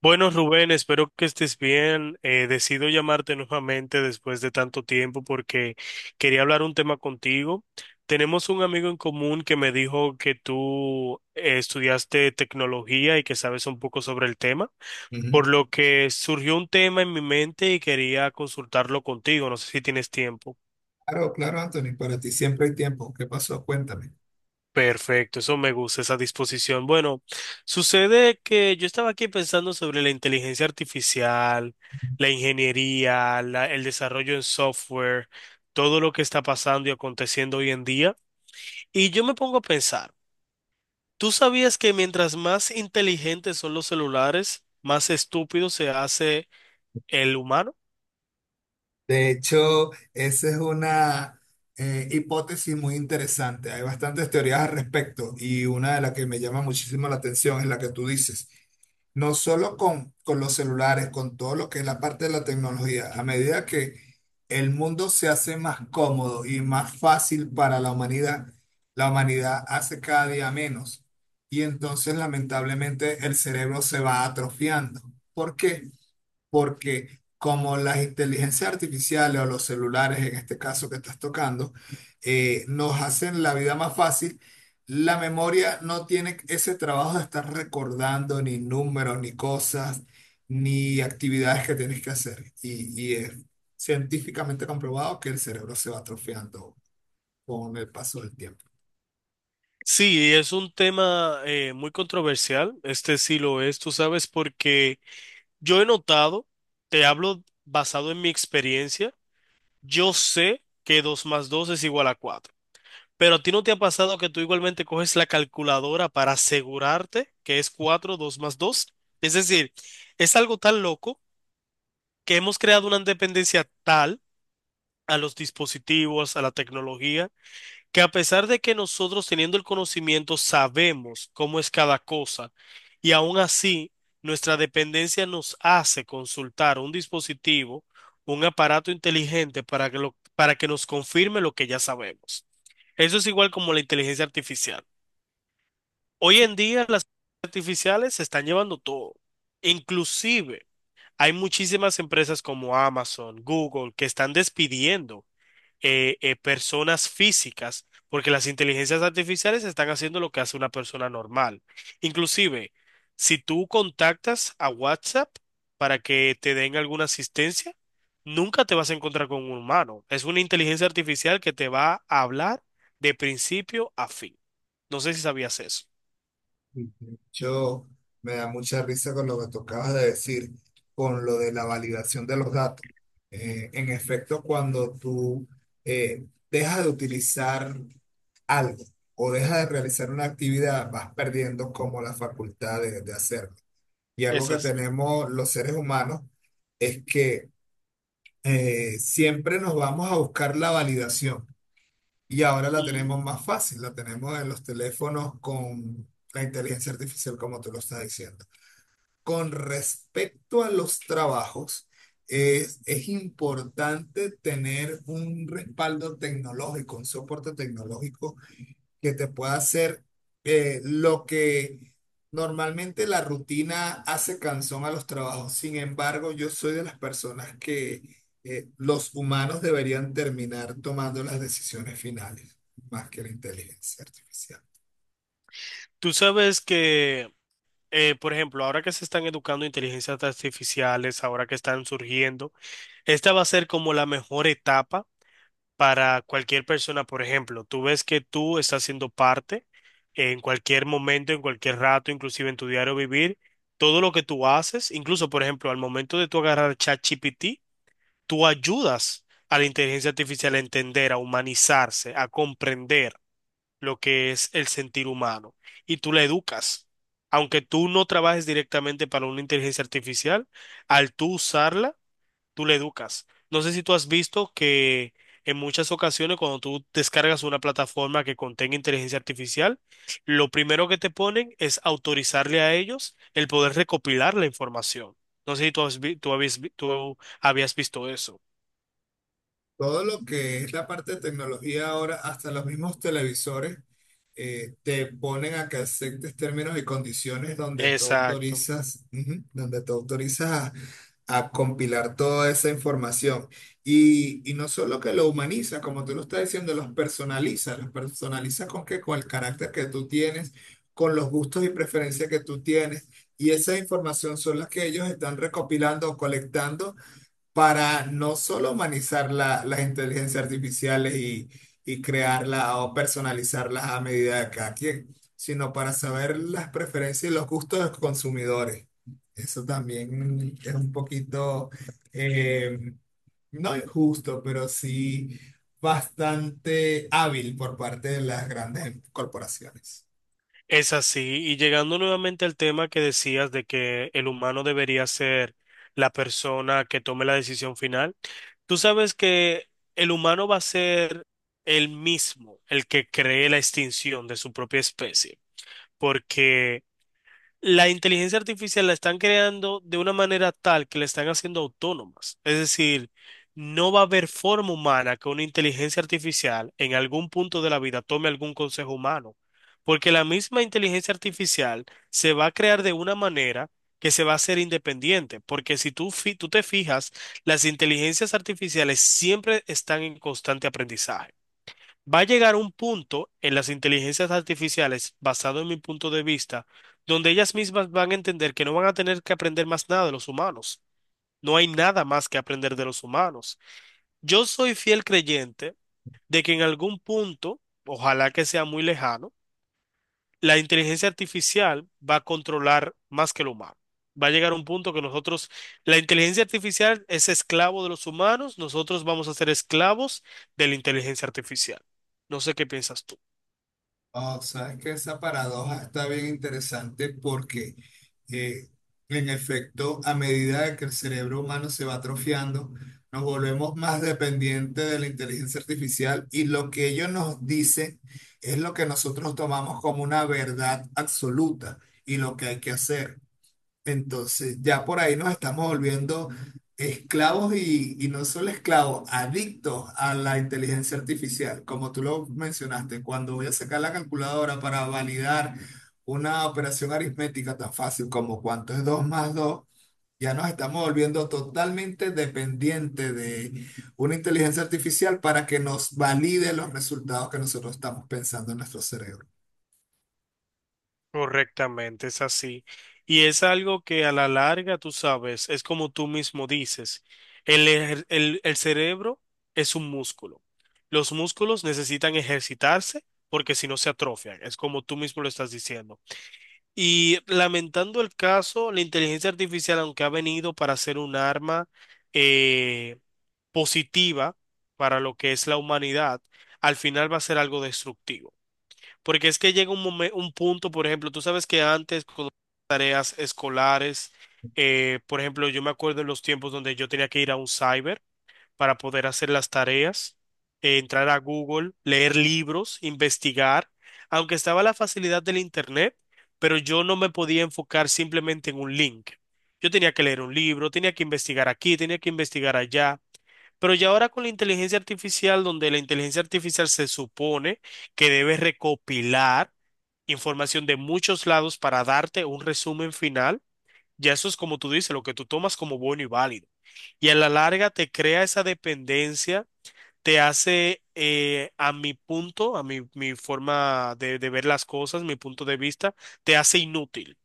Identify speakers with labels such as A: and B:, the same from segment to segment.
A: Bueno, Rubén, espero que estés bien. Decido llamarte nuevamente después de tanto tiempo porque quería hablar un tema contigo. Tenemos un amigo en común que me dijo que tú estudiaste tecnología y que sabes un poco sobre el tema,
B: Ujú.
A: por lo que surgió un tema en mi mente y quería consultarlo contigo. No sé si tienes tiempo.
B: Claro, claro, Anthony, para ti siempre hay tiempo. ¿Qué pasó? Cuéntame.
A: Perfecto, eso me gusta, esa disposición. Bueno, sucede que yo estaba aquí pensando sobre la inteligencia artificial, la ingeniería, el desarrollo en software, todo lo que está pasando y aconteciendo hoy en día. Y yo me pongo a pensar, ¿tú sabías que mientras más inteligentes son los celulares, más estúpido se hace el humano?
B: De hecho, esa es una hipótesis muy interesante. Hay bastantes teorías al respecto y una de las que me llama muchísimo la atención es la que tú dices. No solo con los celulares, con todo lo que es la parte de la tecnología. A medida que el mundo se hace más cómodo y más fácil para la humanidad hace cada día menos. Y entonces, lamentablemente, el cerebro se va atrofiando. ¿Por qué? Porque como las inteligencias artificiales o los celulares, en este caso que estás tocando, nos hacen la vida más fácil, la memoria no tiene ese trabajo de estar recordando ni números, ni cosas, ni actividades que tienes que hacer. Y es científicamente comprobado que el cerebro se va atrofiando con el paso del tiempo.
A: Sí, es un tema muy controversial, este sí lo es, tú sabes, porque yo he notado, te hablo basado en mi experiencia, yo sé que 2 más 2 es igual a 4. Pero a ti no te ha pasado que tú igualmente coges la calculadora para asegurarte que es 4 2 más 2. Es decir, es algo tan loco que hemos creado una dependencia tal a los dispositivos, a la tecnología, que a pesar de que nosotros teniendo el conocimiento sabemos cómo es cada cosa, y aún así nuestra dependencia nos hace consultar un dispositivo, un aparato inteligente para que, para que nos confirme lo que ya sabemos. Eso es igual como la inteligencia artificial. Hoy en día las artificiales se están llevando todo. Inclusive hay muchísimas empresas como Amazon, Google, que están despidiendo personas físicas, porque las inteligencias artificiales están haciendo lo que hace una persona normal. Inclusive, si tú contactas a WhatsApp para que te den alguna asistencia, nunca te vas a encontrar con un humano. Es una inteligencia artificial que te va a hablar de principio a fin. No sé si sabías eso.
B: Yo me da mucha risa con lo que tú acabas de decir, con lo de la validación de los datos. En efecto, cuando tú dejas de utilizar algo o dejas de realizar una actividad, vas perdiendo como la facultad de hacerlo. Y algo
A: Es
B: que
A: así.
B: tenemos los seres humanos es que siempre nos vamos a buscar la validación y ahora la
A: Mm.
B: tenemos más fácil, la tenemos en los teléfonos con la inteligencia artificial, como tú lo estás diciendo. Con respecto a los trabajos, es importante tener un respaldo tecnológico, un soporte tecnológico que te pueda hacer lo que normalmente la rutina hace cansón a los trabajos. Sin embargo, yo soy de las personas que los humanos deberían terminar tomando las decisiones finales, más que la inteligencia artificial.
A: Tú sabes que, por ejemplo, ahora que se están educando inteligencias artificiales, ahora que están surgiendo, esta va a ser como la mejor etapa para cualquier persona, por ejemplo. Tú ves que tú estás siendo parte en cualquier momento, en cualquier rato, inclusive en tu diario vivir, todo lo que tú haces, incluso, por ejemplo, al momento de tú agarrar ChatGPT, tú ayudas a la inteligencia artificial a entender, a humanizarse, a comprender lo que es el sentir humano y tú la educas. Aunque tú no trabajes directamente para una inteligencia artificial, al tú usarla, tú le educas. No sé si tú has visto que en muchas ocasiones cuando tú descargas una plataforma que contenga inteligencia artificial, lo primero que te ponen es autorizarle a ellos el poder recopilar la información. No sé si tú, tú tú habías visto eso.
B: Todo lo que es la parte de tecnología ahora, hasta los mismos televisores te ponen a que aceptes términos y condiciones donde tú
A: Exacto.
B: autorizas, ujú, donde tú autorizas a compilar toda esa información. Y no solo que lo humaniza, como tú lo estás diciendo, los personaliza con qué, con el carácter que tú tienes, con los gustos y preferencias que tú tienes. Y esa información son las que ellos están recopilando o colectando para no solo humanizar la- las inteligencias artificiales y crearlas o personalizarlas a medida de cada quien, sino para saber las preferencias y los gustos de los consumidores. Eso también es un poquito, eh, no injusto, pero sí bastante hábil por parte de las grandes corporaciones.
A: Es así, y llegando nuevamente al tema que decías de que el humano debería ser la persona que tome la decisión final, tú sabes que el humano va a ser el mismo, el que cree la extinción de su propia especie, porque la inteligencia artificial la están creando de una manera tal que la están haciendo autónomas. Es decir, no va a haber forma humana que una inteligencia artificial en algún punto de la vida tome algún consejo humano, porque la misma inteligencia artificial se va a crear de una manera que se va a hacer independiente, porque si tú, fi- tú te fijas, las inteligencias artificiales siempre están en constante aprendizaje. Va a llegar un punto en las inteligencias artificiales, basado en mi punto de vista, donde ellas mismas van a entender que no van a tener que aprender más nada de los humanos. No hay nada más que aprender de los humanos. Yo soy fiel creyente de que en algún punto, ojalá que sea muy lejano, la inteligencia artificial va a controlar más que el humano. Va a llegar un punto que nosotros, la inteligencia artificial es esclavo de los humanos, nosotros vamos a ser esclavos de la inteligencia artificial. No sé qué piensas tú.
B: Oh, sabes que esa paradoja está bien interesante porque, eh, en efecto, a medida de que el cerebro humano se va atrofiando, nos volvemos más dependientes de la inteligencia artificial y lo que ellos nos dicen es lo que nosotros tomamos como una verdad absoluta y lo que hay que hacer. Entonces, ya por ahí nos estamos volviendo esclavos y no solo esclavos, adictos a la inteligencia artificial. Como tú lo mencionaste, cuando voy a sacar la calculadora para validar una operación aritmética tan fácil como cuánto es 2 más 2, ya nos estamos volviendo totalmente dependientes de una inteligencia artificial para que nos valide los resultados que nosotros estamos pensando en nuestro cerebro.
A: Correctamente, es así. Y es algo que a la larga, tú sabes, es como tú mismo dices, el cerebro es un músculo. Los músculos necesitan ejercitarse porque si no se atrofian, es como tú mismo lo estás diciendo. Y lamentando el caso, la inteligencia artificial, aunque ha venido para ser un arma eh, positiva para lo que es la humanidad, al final va a ser algo destructivo. Porque es que llega un punto, por ejemplo, tú sabes que antes con tareas escolares, por ejemplo, yo me acuerdo en los tiempos donde yo tenía que ir a un cyber para poder hacer las tareas, entrar a Google, leer libros, investigar, aunque estaba la facilidad del internet, pero yo no me podía enfocar simplemente en un link. Yo tenía que leer un libro, tenía que investigar aquí, tenía que investigar allá. Pero ya ahora con la inteligencia artificial, donde la inteligencia artificial se supone que debe recopilar información de muchos lados para darte un resumen final. Ya eso es como tú dices, lo que tú tomas como bueno y válido. Y a la larga te crea esa dependencia, te hace, a mi punto, a mi forma de ver las cosas, mi punto de vista, te hace inútil.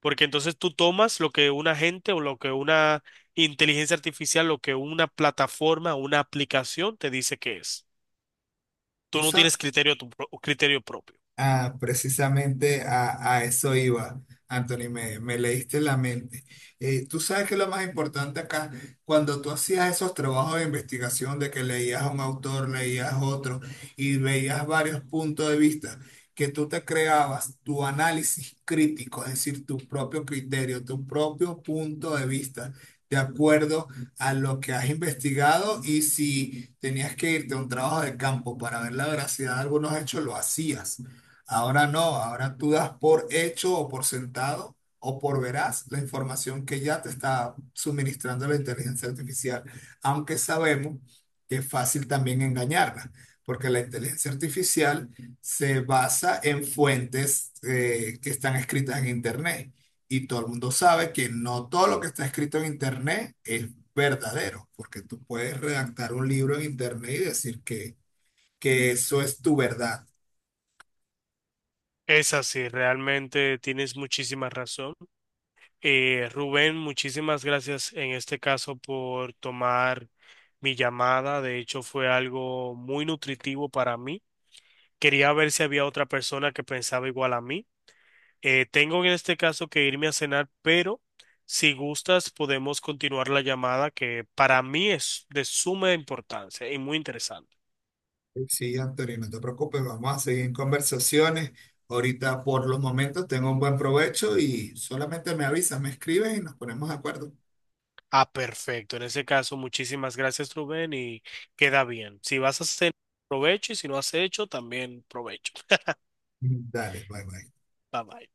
A: Porque entonces tú tomas lo que una gente o lo que una inteligencia artificial, lo que una plataforma, una aplicación te dice que es.
B: Tú
A: Tú no
B: sa-
A: tienes criterio, criterio propio.
B: Ah, precisamente a eso iba, Anthony, me leíste la mente. Tú sabes que lo más importante acá, cuando tú hacías esos trabajos de investigación, de que leías a un autor, leías otro y veías varios puntos de vista, que tú te creabas tu análisis crítico, es decir, tu propio criterio, tu propio punto de vista, de acuerdo a lo que has investigado y si tenías que irte a un trabajo de campo para ver la veracidad de algunos hechos, lo hacías. Ahora no, ahora tú das por hecho o por sentado o por veraz la información que ya te está suministrando la inteligencia artificial, aunque sabemos que es fácil también engañarla, porque la inteligencia artificial se basa en fuentes que están escritas en Internet y todo el mundo sabe que no todo lo que está escrito en Internet es verdadero, porque tú puedes redactar un libro en Internet y decir que eso es tu verdad.
A: Es así, realmente tienes muchísima razón. Rubén, muchísimas gracias en este caso por tomar mi llamada. De hecho, fue algo muy nutritivo para mí. Quería ver si había otra persona que pensaba igual a mí. Tengo en este caso que irme a cenar, pero si gustas podemos continuar la llamada que para mí es de suma importancia y muy interesante.
B: Sí, Antonio, no te preocupes, vamos a seguir en conversaciones. Ahorita por los momentos tengo un buen provecho y solamente me avisas, me escribes y nos ponemos de acuerdo.
A: Ah, perfecto. En ese caso, muchísimas gracias, Rubén, y queda bien. Si vas a hacer, provecho, y si no has hecho, también provecho.
B: Dale, bye bye.
A: Bye bye.